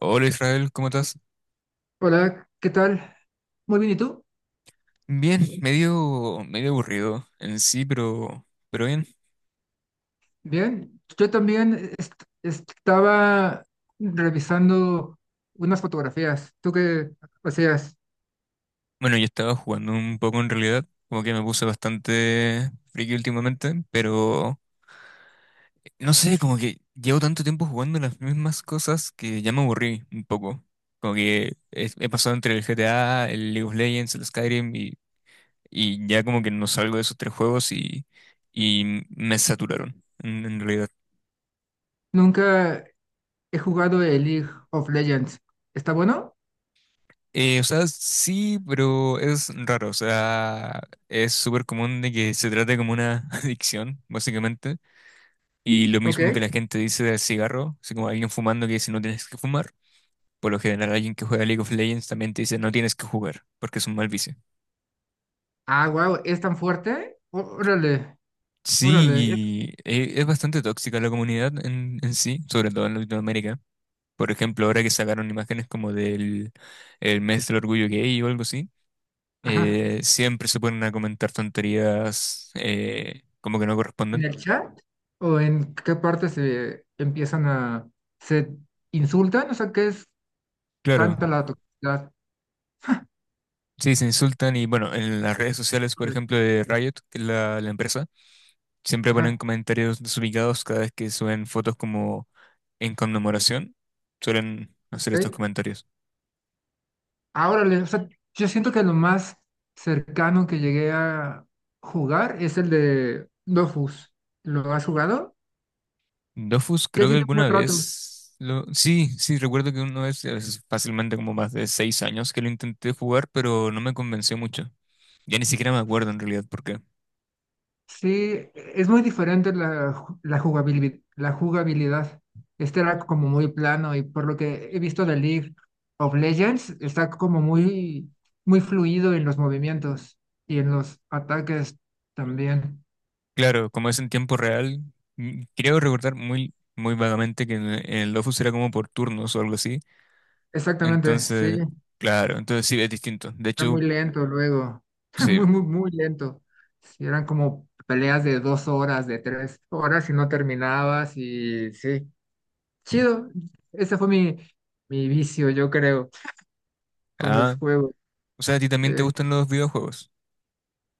Hola Israel, ¿cómo estás? Hola, ¿qué tal? Muy bien, ¿y tú? Bien, medio aburrido en sí, pero bien. Bien. Yo también estaba revisando unas fotografías. ¿Tú qué hacías? Bueno, yo estaba jugando un poco en realidad, como que me puse bastante friki últimamente, pero no sé, como que llevo tanto tiempo jugando las mismas cosas que ya me aburrí un poco. Como que he pasado entre el GTA, el League of Legends, el Skyrim y ya como que no salgo de esos tres juegos y me saturaron en realidad. Nunca he jugado el League of Legends. ¿Está bueno? O sea, sí, pero es raro. O sea, es súper común de que se trate como una adicción, básicamente. Y lo mismo que Ok. la gente dice del cigarro, así como alguien fumando que dice no tienes que fumar. Por lo general, alguien que juega League of Legends también te dice no tienes que jugar, porque es un mal vicio. Ah, wow, ¿es tan fuerte? Órale, órale. Sí, y es bastante tóxica la comunidad en sí, sobre todo en Latinoamérica. Por ejemplo, ahora que sacaron imágenes como del el mes del orgullo gay o algo así, Ajá. Siempre se ponen a comentar tonterías, como que no ¿En corresponden. el chat? ¿O en qué parte se insultan? O sea, ¿qué es Claro, tanta la toxicidad? sí, se insultan y bueno, en las redes sociales, por Órale. ejemplo, de Riot, que es la empresa, siempre ponen Ajá, comentarios desubicados cada vez que suben fotos como en conmemoración, suelen hacer estos ok. comentarios. Ahora, o sea, yo siento que lo más cercano que llegué a jugar es el de Dofus. ¿Lo has jugado? Dofus, Ya creo que tiene un buen alguna rato. vez lo... Sí, sí, recuerdo que una vez, es fácilmente como más de 6 años que lo intenté jugar, pero no me convenció mucho. Ya ni siquiera me acuerdo en realidad por qué. Sí, es muy diferente la jugabilidad, la jugabilidad. Este era como muy plano y por lo que he visto de League of Legends, está como muy, muy fluido en los movimientos y en los ataques también. Claro, como es en tiempo real, creo recordar muy, muy vagamente que en el Dofus era como por turnos o algo así. Exactamente, sí. Entonces, claro, entonces sí, es distinto. De Era hecho, muy lento luego, sí. muy, muy, muy lento. Sí, eran como peleas de 2 horas, de 3 horas y no terminabas y sí, chido. Ese fue mi vicio, yo creo, con los Ah, juegos. o sea, a ti Sí, también te gustan los videojuegos.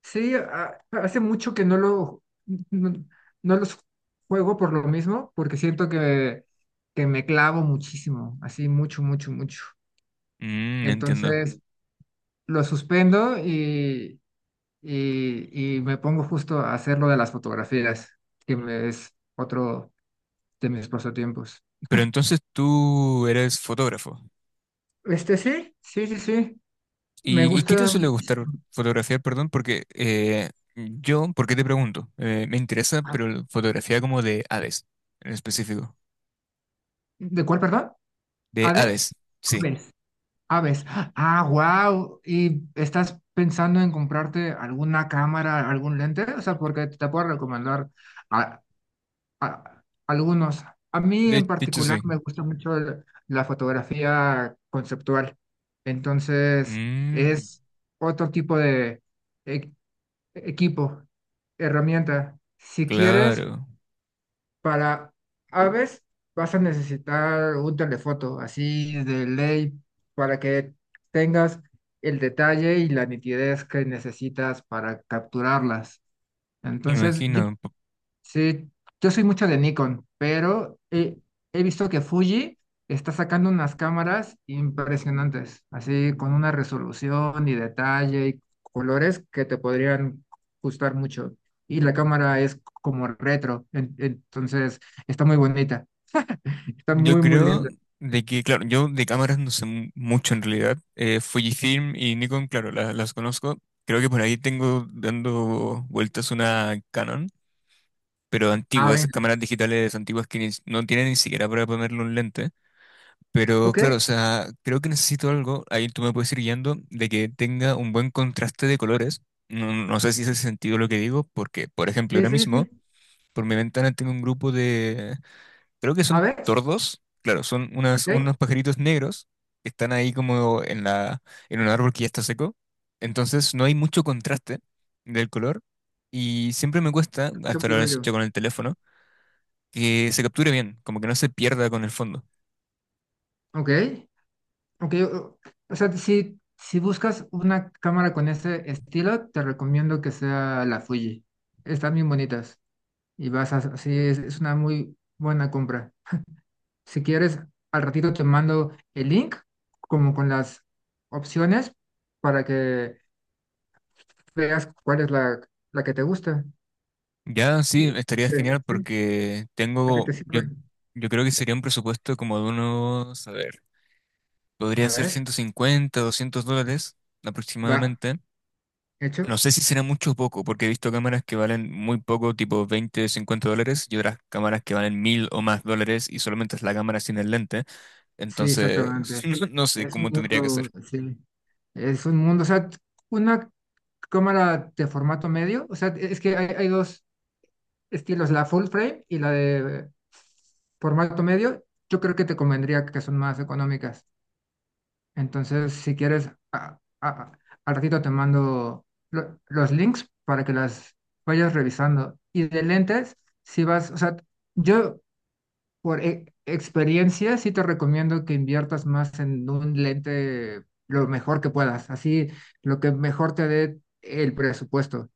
sí, hace mucho que no, no los juego por lo mismo, porque siento que me clavo muchísimo, así mucho, mucho, mucho. Entiendo. Entonces, lo suspendo y me pongo justo a hacer lo de las fotografías, que es otro de mis pasatiempos. Pero entonces tú eres fotógrafo. Este sí, sí, sí, sí. Me ¿Y qué te gusta suele gustar muchísimo. fotografiar, perdón? Porque yo, ¿por qué te pregunto? Me interesa, Ah, pero la fotografía como de aves, en específico. ¿de cuál, perdón? De aves, ¿Aves? sí. Aves. Aves. Ah, wow. ¿Y estás pensando en comprarte alguna cámara, algún lente? O sea, porque te puedo recomendar a- algunos. A mí De, en de hecho, particular sí. me gusta mucho la fotografía conceptual. Entonces, Mm. es otro tipo de e- equipo, herramienta. Si quieres, Claro, para aves vas a necesitar un telefoto, así de ley, para que tengas el detalle y la nitidez que necesitas para capturarlas. me Entonces, imagino. Sí, yo soy mucho de Nikon, pero he visto que Fuji está sacando unas cámaras impresionantes, así con una resolución y detalle y colores que te podrían gustar mucho. Y la cámara es como retro, entonces está muy bonita, está Yo muy, muy creo linda. de que, claro, yo de cámaras no sé mucho en realidad. Fujifilm y Nikon, claro, las conozco. Creo que por ahí tengo dando vueltas una Canon, pero Ah, antigua, esas venga, cámaras digitales antiguas que no tienen ni siquiera para ponerle un lente. Pero ok, claro, o sea, creo que necesito algo, ahí tú me puedes ir guiando, de que tenga un buen contraste de colores. No sé si hace sentido lo que digo, porque, por ejemplo, sí, ahora sí, mismo, sí. por mi ventana tengo un grupo, creo que A son ver, tordos, claro, son ok, se unos pajaritos negros que están ahí como en un árbol que ya está seco. Entonces no hay mucho contraste del color y siempre me cuesta, escucha hasta muy ahora lo he bello, hecho con el teléfono, que se capture bien, como que no se pierda con el fondo. ok. Ok, o sea, si buscas una cámara con ese estilo, te recomiendo que sea la Fuji. Están bien bonitas y sí, es una muy buena compra. Si quieres, al ratito te mando el link, como con las opciones, para que veas cuál es la que te gusta. Ya sí, Eh, estaría eh, genial sí, porque la que tengo, te yo, sirve. yo creo que sería un presupuesto como de unos, a ver, podría A ser ver, 150, $200 va, aproximadamente. No hecho. sé si será mucho o poco, porque he visto cámaras que valen muy poco, tipo 20, 50 dólares, y otras cámaras que valen mil o más dólares y solamente es la cámara sin el lente. Sí, Entonces, exactamente. no, no sé Es cómo un tendría que ser. mundo, sí, es un mundo, o sea, una cámara de formato medio, o sea, es que hay dos estilos, la full frame y la de formato medio, yo creo que te convendría que son más económicas. Entonces, si quieres, al ratito te mando los links para que las vayas revisando. Y de lentes, si vas, o sea, yo por experiencia sí te recomiendo que inviertas más en un lente lo mejor que puedas, así lo que mejor te dé el presupuesto.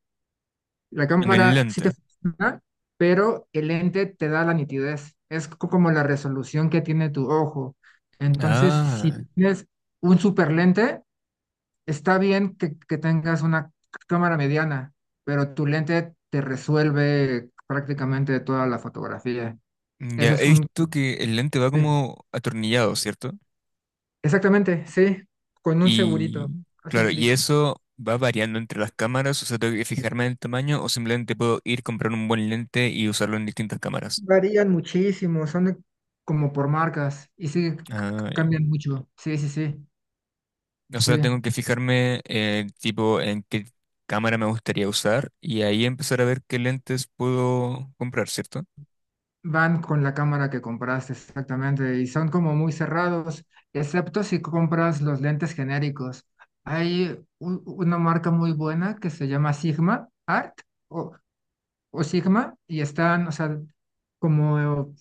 La En el cámara sí te lente. funciona, pero el lente te da la nitidez. Es como la resolución que tiene tu ojo. Entonces, si Ah, tienes un super lente, está bien que tengas una cámara mediana, pero tu lente te resuelve prácticamente toda la fotografía. ya Ese es he un... visto que el lente va sí, como atornillado, ¿cierto? exactamente, sí, con un segurito. Y Hace un claro, y clic. eso va variando entre las cámaras, o sea, tengo que fijarme en el tamaño o simplemente puedo ir comprar un buen lente y usarlo en distintas cámaras. Varían muchísimo, como por marcas y sí, Ah, cambian mucho. Sí, sí, sí, o sea, sí. tengo que fijarme, tipo en qué cámara me gustaría usar y ahí empezar a ver qué lentes puedo comprar, ¿cierto? Van con la cámara que compraste, exactamente, y son como muy cerrados, excepto si compras los lentes genéricos. Hay una marca muy buena que se llama Sigma Art o, o Sigma y están, o sea, como,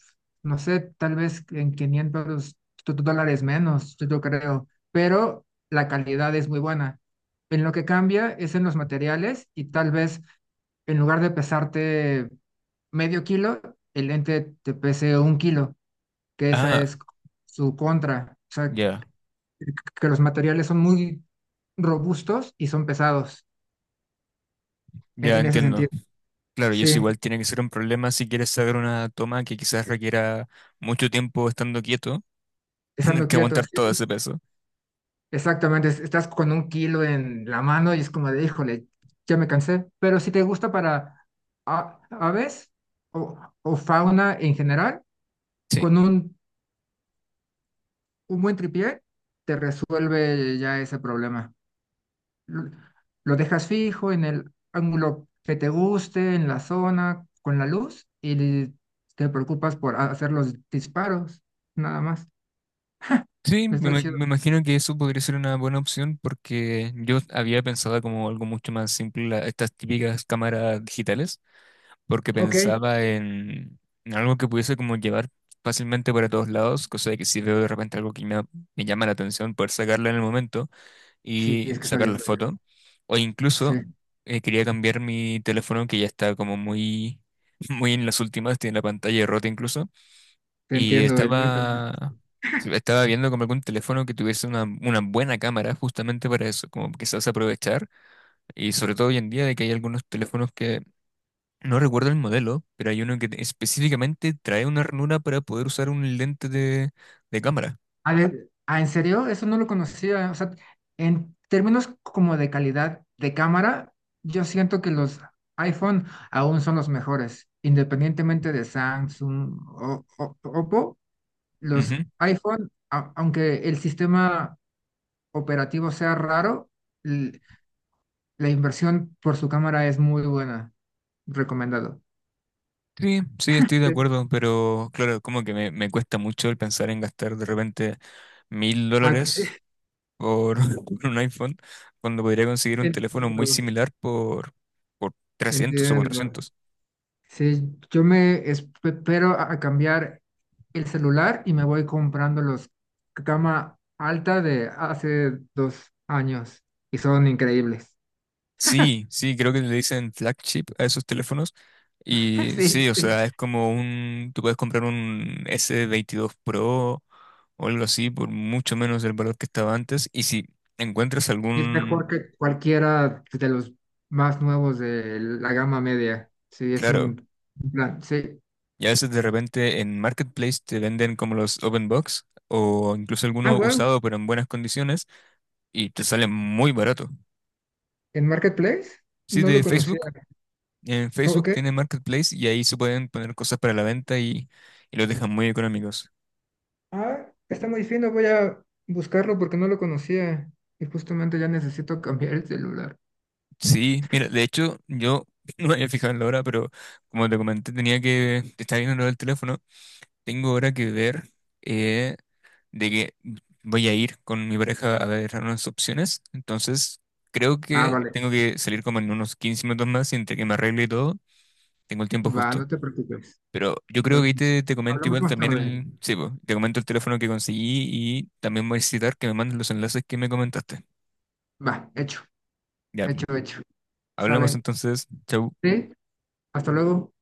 no sé, tal vez en 500 dólares menos, yo creo, pero la calidad es muy buena. En lo que cambia es en los materiales y tal vez en lugar de pesarte medio kilo, el ente te pese un kilo, que esa Ah, es su contra. O sea, ya, que los materiales son muy robustos y son pesados en, ya en ese entiendo. sentido. Claro, y Sí, eso igual tiene que ser un problema si quieres sacar una toma que quizás requiera mucho tiempo estando quieto, tener estando que quietos, aguantar todo sí, ese peso. exactamente. Estás con un kilo en la mano y es como de, híjole, ya me cansé. Pero si te gusta para aves o fauna en general, Sí. con un buen tripié, te resuelve ya ese problema. lo lo dejas fijo en el ángulo que te guste, en la zona, con la luz, y te preocupas por hacer los disparos, nada más. Sí, me, Está ima- chido. me imagino que eso podría ser una buena opción porque yo había pensado como algo mucho más simple, estas típicas cámaras digitales. Porque Ok, pensaba en algo que pudiese como llevar fácilmente para todos lados, cosa de que si veo de repente algo que me llama la atención, poder sacarlo en el momento sí, y es que está sacar bien la verde. foto. O Sí, incluso quería cambiar mi teléfono que ya está como muy, muy en las últimas, tiene la pantalla rota incluso, te y entiendo, el mío también. estaba... Sí, estaba viendo como algún teléfono que tuviese una buena cámara justamente para eso, como quizás aprovechar. Y sobre todo hoy en día de que hay algunos teléfonos que no recuerdo el modelo, pero hay uno que específicamente trae una ranura para poder usar un lente de cámara. A ver, ah, ¿en serio? Eso no lo conocía. O sea, en términos como de calidad de cámara, yo siento que los iPhone aún son los mejores, independientemente de Samsung Oppo. Los Ujú. iPhone, aunque el sistema operativo sea raro, l- la inversión por su cámara es muy buena. Recomendado. Sí, sí, estoy de Sí. acuerdo, pero claro, como que me cuesta mucho el pensar en gastar de repente mil Ah, que sí, dólares por, por un iPhone, cuando podría conseguir un teléfono muy entiendo, similar por 300 o entiendo. 400. Sí, yo me espero a cambiar el celular y me voy comprando los cama alta de hace 2 años y son increíbles. Sí, sí, creo que le dicen flagship a esos teléfonos. Y sí, Sí. o Sí. sea, es como tú puedes comprar un S22 Pro o algo así por mucho menos el valor que estaba antes. Y si encuentras Y es mejor que cualquiera de los más nuevos de la gama media. Sí, es claro, un plan. Sí. y a veces de repente en Marketplace te venden como los Open Box o incluso Ah, alguno wow. usado pero en buenas condiciones y te sale muy barato. ¿En Marketplace? Sí, No lo de conocía. Facebook. En Oh, Facebook ok. tiene Marketplace y ahí se pueden poner cosas para la venta y los dejan muy económicos. Ah, está muy fino. Voy a buscarlo porque no lo conocía. Y justamente ya necesito cambiar el celular. Sí, mira, de hecho, yo no me había fijado en la hora, pero como te comenté, tenía que estar viendo lo del teléfono. Tengo ahora que ver, eh, de que voy a ir con mi pareja a ver unas opciones. Entonces, creo Ah, que vale. tengo que salir como en unos 15 minutos más y entre que me arregle y todo, tengo el tiempo Va, justo. no te preocupes. Pero yo creo Pero, que ahí pues, te comento hablamos igual más también tarde. Sí, po, te comento el teléfono que conseguí y también voy a necesitar que me mandes los enlaces que me comentaste. Va, hecho. Ya, Hecho, hecho. hablamos Sale. entonces. Chau. Sí. Hasta luego.